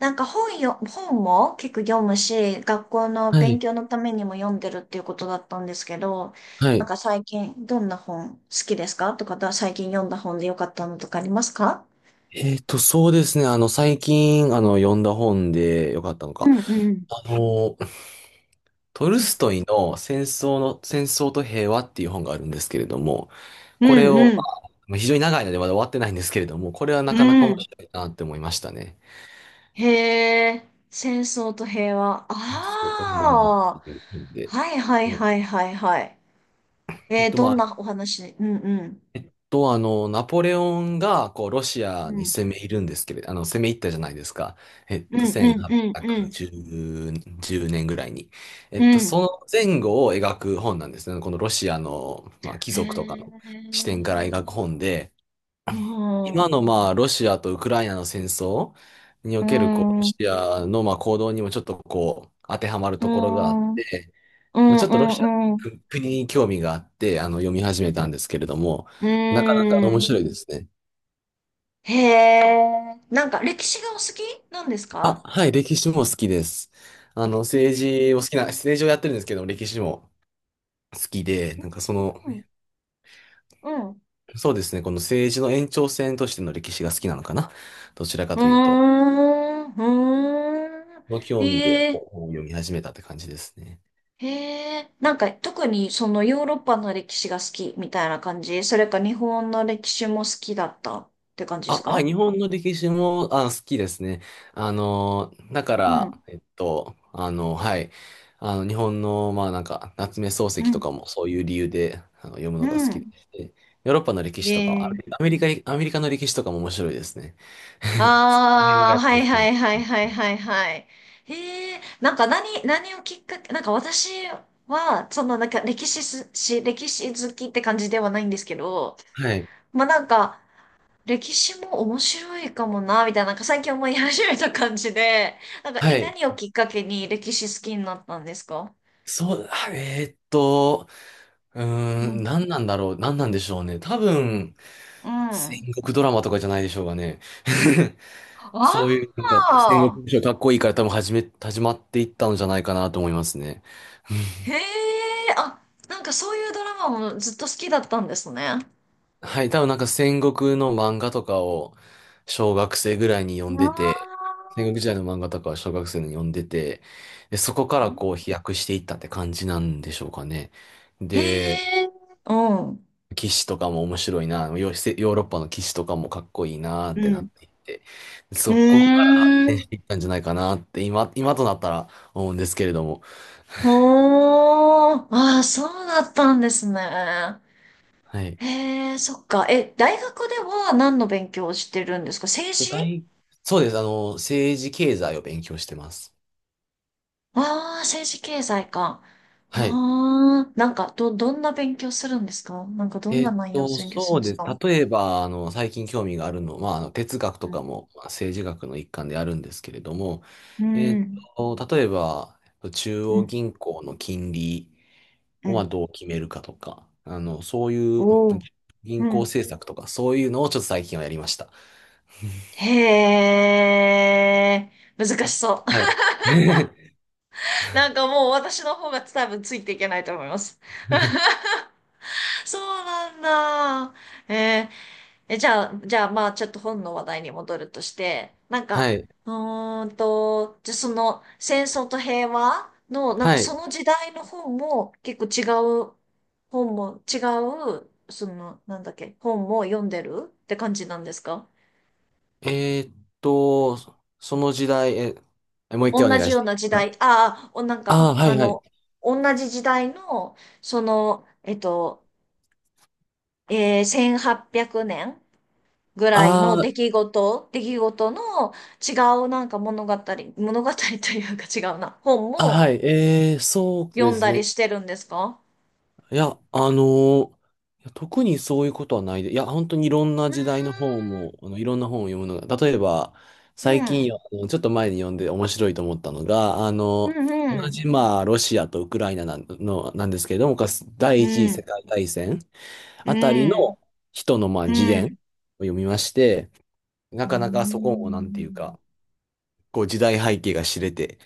なんか本も結構読むし、学校のは勉い。強のためにも読んでるっていうことだったんですけど、はなんい。か最近どんな本好きですかとか、最近読んだ本で良かったのとかありますか？そうですね。最近、読んだ本でよかったのうか。んうん。あの、トうルんストイの戦争と平和っていう本があるんですけれども、うこれを、んまあ、非常に長いのでまだ終わってないんですけれども、これはなうかなか面ん。白いなって思いましたね。へえ、戦争と平和。戦争と平和っああ、ていう本で。はいはいではいはいはい。どまんあ、なお話？うんうん。ナポレオンが、こう、ロシアうにん攻め入るんですけれど、攻め入ったじゃないですか。うんうんうん1810年ぐらいに。うん。うそん。の前後を描く本なんですね。このロシアの、まあ、貴族とかへの視点からえ。描く本で、う今の、ん。まあ、ロシアとウクライナの戦争にうおける、こう、ロん、うシアの、まあ、行動にもちょっと、こう、当てはまるところがあっん、うん、て、うまあ、ちょっとロシアっん、うん。ていう国に興味があって、読み始めたんですけれども、うなかなんかう面ん。白いですね。へえ。なんか歴史がお好きなんですあ、か？はい、歴史も好きです。へ政治をやってるんですけど歴史も好きで、え。なんかその、うん、うん。そうですね、この政治の延長線としての歴史が好きなのかな。どちらかうーというと、ん、うーん。の興味でへえ、こう本を読み始めたって感じですね。へえ。なんか特にそのヨーロッパの歴史が好きみたいな感じ、それか日本の歴史も好きだったって感じであ、すはい、か？日本の歴史も、あ、好きですね。だかうん、ら、はい、日本の、まあ、なんか、夏目漱う石とん、かもそういう理由で、読むうのが好きでん。して、ヨーロッパの歴へ史とか、アえ。メリアメリカアメリカの歴史とかも面白いですね。この辺あがあ、やっぱはりい好きだはっいはた。いはいはいはい。へえ、なんか何をきっかけ、なんか私は、そのなんか歴史好きって感じではないんですけど、はい、まあなんか、歴史も面白いかもな、みたいな、なんか最近思い始めた感じで、なんか、はい、い、何をきっかけに歴史好きになったんですか？そう、ううーん、ん。何なんだろう、何なんでしょうね。多分、う戦ん。国ドラマとかじゃないでしょうかね。あそういう、なんか、戦あ、国武将かっこいいから多分始まっていったんじゃないかなと思いますね。へえ、あ、なんかそういうドラマもずっと好きだったんですね。あはい、多分なんか戦国の漫画とかを小学生ぐらいに読んであ。て、戦国時代の漫画とかは小学生に読んでて、で、そこからこう飛躍していったって感じなんでしょうかね。へで、え、うん。騎士とかも面白いな、ヨーロッパの騎士とかもかっこいいなうってなん。っていって、うそこから発ー展ん。していったんじゃないかなって今となったら思うんですけれども。ほー。ああ、そうだったんですね。はい。へえ、そっか。え、大学では何の勉強をしてるんですか？政具治？体、そうです。政治経済を勉強してます。ああー、政治経済か。はい。ああ、なんか、どんな勉強するんですか？なんか、どんな内容を勉強するそんうですです。か？例えば、最近興味があるのは、まあ、哲学とうん。かも、まあ政治学の一環であるんですけれども、うえっん。例えば、中う央ん。銀行の金利うを、まあ、ん。どう決めるかとか、そういうおお。う銀行ん。政策とか、そういうのをちょっと最近はやりました。へえ、難しあ、そう。はい。なんかもう私の方が多分ついていけないと思います。そうなんだ。えーえ、じゃあ、まあ、ちょっと本の話題に戻るとして、なんはか、い。うーんと、じゃあその、戦争と平和の、なんかはそい。の時代の本も、結構違う、本も、違う、その、なんだっけ、本も読んでるって感じなんですか？えーっその時代、え、えもう一回お同願じいしようて。な時代、ああ、なんあか、あ、はいはい。同じ時代の、その、1800年ぐらいのあー出来事、の違うなんか物語というか違うな、本あ、もはい。そうで読んすだりね。してるんですか？いや、ーいや特にそういうことはないで。いや、本当にいろんな時代のう本も、いろんな本を読むのが、例えば、ー最近んよ、あのちょっと前に読んで面白いと思ったのが、う同ん。じ、まあ、ロシアとウクライナなんですけれども、かつう第ん一次うん。うん。世界大戦うあたりのん。人の、まあ、う自伝をん。読みまして、なうかなかそこもなんていうん。か、こう時代背景が知れて、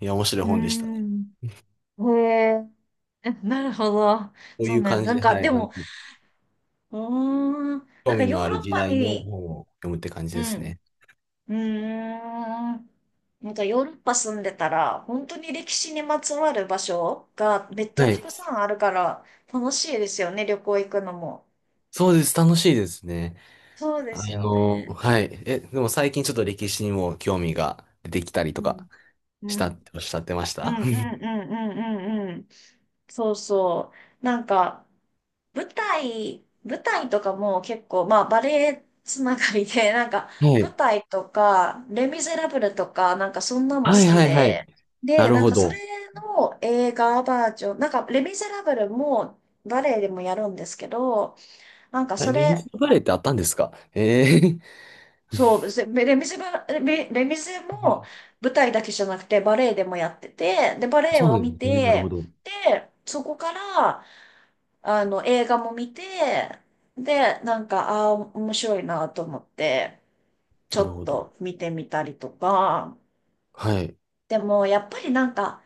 いや、面白いう本でした。こん。へえ。え、なるほど。うそいううね。感なじんで、か、はい、でも、うーん。な興んか味ヨーのあるロッ時パ代のに、本を読むって感じうですん。ね。うーん。なんかヨーロッパ住んでたら、本当に歴史にまつわる場所がめっちゃはたい。くさんあるから、楽しいですよね、旅行行くのも。そうです。楽しいですね。そうですよね。はい。え、でも最近ちょっと歴史にも興味が出てきたりとうかん。うしたっん。ておっしゃってましうた？ んうんうんうんうんうん。そうそう。なんか、舞台とかも結構、まあバレエつながりで、なんか は舞い。台とか、レ・ミゼラブルとか、なんかそんなのもは好いきはいはい。で、なで、るなんほかそれど。の映画バージョン、なんかレ・ミゼラブルもバレエでもやるんですけど、なんかえ、そレミれスのバレエってあったんですか？ええ。 そうでレミゼも 舞台だけじゃなくてバレエでもやってて、で、バレエそうをなん見ですね。なるほて、ど。で、そこから、映画も見て、で、なんか、ああ、面白いなと思って、ちなょるっほど。と見てみたりとか、はい。でも、やっぱりなんか、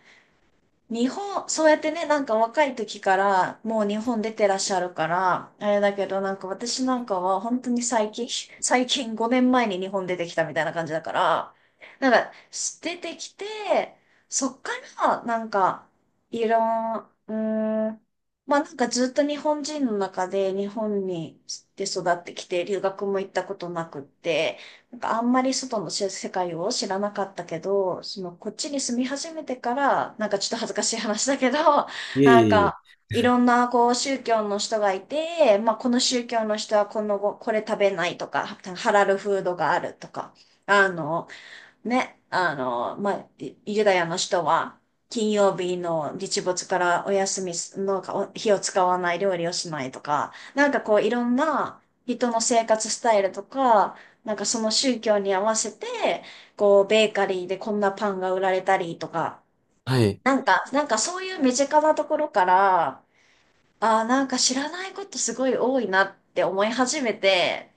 そうやってね、なんか若い時からもう日本出てらっしゃるから、あれだけどなんか私なんかは本当に最近5年前に日本出てきたみたいな感じだから、なんか出てきて、そっからなんかいろん、うーん、まあなんかずっと日本人の中で日本で育ってきて留学も行ったことなくって、なんかあんまり外の世界を知らなかったけど、そのこっちに住み始めてから、なんかちょっと恥ずかしい話だけど、いえいなんえいえ。かいろんなこう宗教の人がいて、まあこの宗教の人はこのご、これ食べないとか、ハラルフードがあるとか、あの、ね、まあ、ユダヤの人は、金曜日の日没からお休みすのか、火を使わない料理をしないとか、なんかこういろんな人の生活スタイルとか、なんかその宗教に合わせて、こうベーカリーでこんなパンが売られたりとか、はい。なんかそういう身近なところから、ああ、なんか知らないことすごい多いなって思い始めて、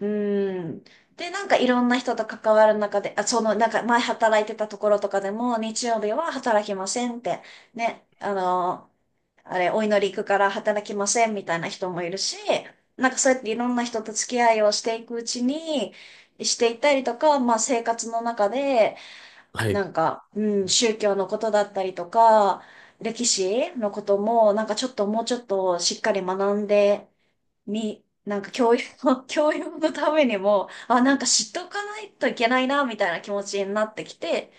うーん。で、なんかいろんな人と関わる中で、あ、その、なんか前働いてたところとかでも、日曜日は働きませんって、ね、あれ、お祈り行くから働きませんみたいな人もいるし、なんかそうやっていろんな人と付き合いをしていくうちに、していったりとか、まあ生活の中で、はい。なんか、うん、宗教のことだったりとか、歴史のことも、なんかちょっともうちょっとしっかり学んで、なんか教養の、教養のためにも、あ、なんか知っとかないといけないな、みたいな気持ちになってきて、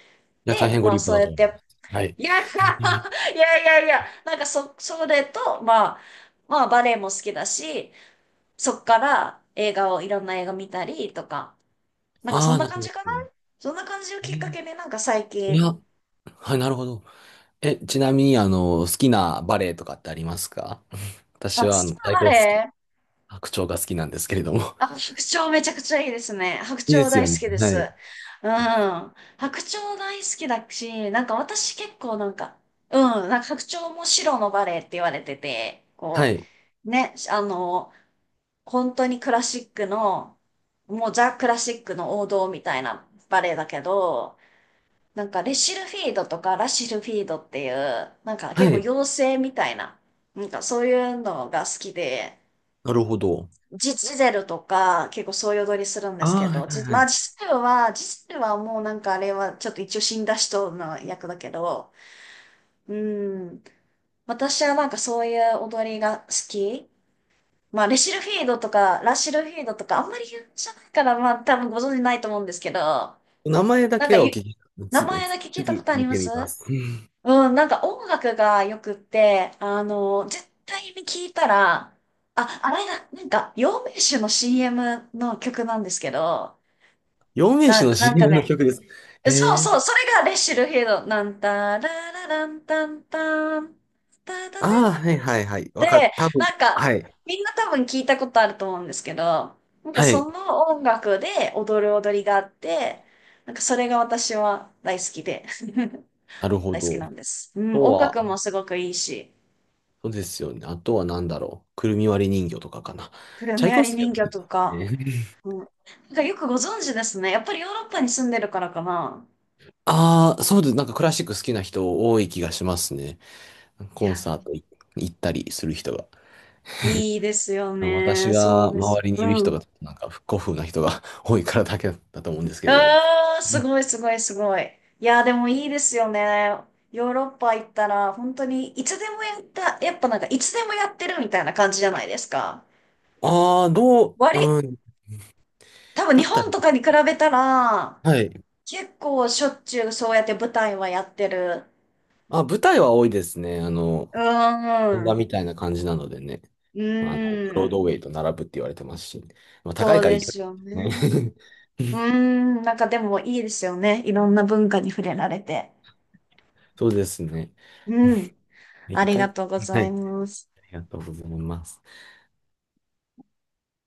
や、大で、変ごまあ立派そうだやとっ思いまて、す。は い。いや、いやいやいや、なんかそれと、まあバレエも好きだし、そっから映画を、いろんな映画見たりとか、なんかそあんあ、ななる感ほじかな。ど。そんな感じをえきっかーけで、なんか最い近、や、はい、なるほど。え、ちなみに、好きなバレエとかってありますか？あ、私好は、き太なバ鼓好レき、エ？白鳥が好きなんですけれども。あ、白鳥めちゃくちゃいいですね。白いいで鳥す大よ好ね。きではす。い。うん。白鳥大好きだし、なんか私結構なんか、うん、なんか白鳥も白のバレエって言われてて、はこい。う、ね、本当にクラシックの、もうザ・クラシックの王道みたいなバレエだけど、なんかレシルフィードとかラシルフィードっていう、なんかは結構い。妖精みたいな、なんかそういうのが好きで、なるほど。ジゼルとか、結構そういう踊りするんであすけあ、はいど、はいまはあ、い。ジゼルはもうなんかあれは、ちょっと一応死んだ人の役だけど、うん。私はなんかそういう踊りが好き。まあ、レシルフィードとか、ラシルフィードとか、あんまり有名じゃないから、まあ、多分ご存知ないと思うんですけど、名前だなんかけはお聞き、名つ前だけ聞いたこ次とあり見まてす？みます。うん、なんか音楽がよくって、絶対に聞いたら、あ、あれだ、なんか、養命酒の CM の曲なんですけど、四名手な、の なんか CM のね、曲です。そうへえ。そう、それがレッシュルフィールド、なんたらららんたんたん、たたてあっあ、はいはいはい。わかって、た。多分。なんか、はい。みんな多分聞いたことあると思うんですけど、なんかはい。その音楽で踊る踊りがあって、なんかそれが私は大好きで、なるほ大好きど。あなんです。うん、と音楽は、もすごくいいし。そうですよね。あとは何だろう。くるみ割り人形とかかな。プルチャイメアコフリスキーは人好き魚なんとか。ですね。うん。なんかよくご存知ですね。やっぱりヨーロッパに住んでるからかな。ああ、そうです。なんかクラシック好きな人多い気がしますね。いコンや、サート行ったりする人が。いいですよ私ね。そがうで周す。りにいるう人ん。が、なんか古風な人が 多いからだけだと思うんですけれども。ああ、すごいすごいすごい。いや、でもいいですよね。ヨーロッパ行ったら、本当にいつでもやった、やっぱなんかいつでもやってるみたいな感じじゃないですか。ああー、割、うん、多分だ日ったら、本とかに比べたら、はい。結構しょっちゅうそうやって舞台はやってる。あ、舞台は多いですね。うー本場ん。みたいな感じなのでね、うーブロードウん。ェイと並ぶって言われてますし、まあ、高いそうからいでいけすどよね。ね。う ーん、なんかでもいいですよね。いろんな文化に触れられて。そうですね。うん。あ一りが回、とうごはざい、あいります。がとうございます。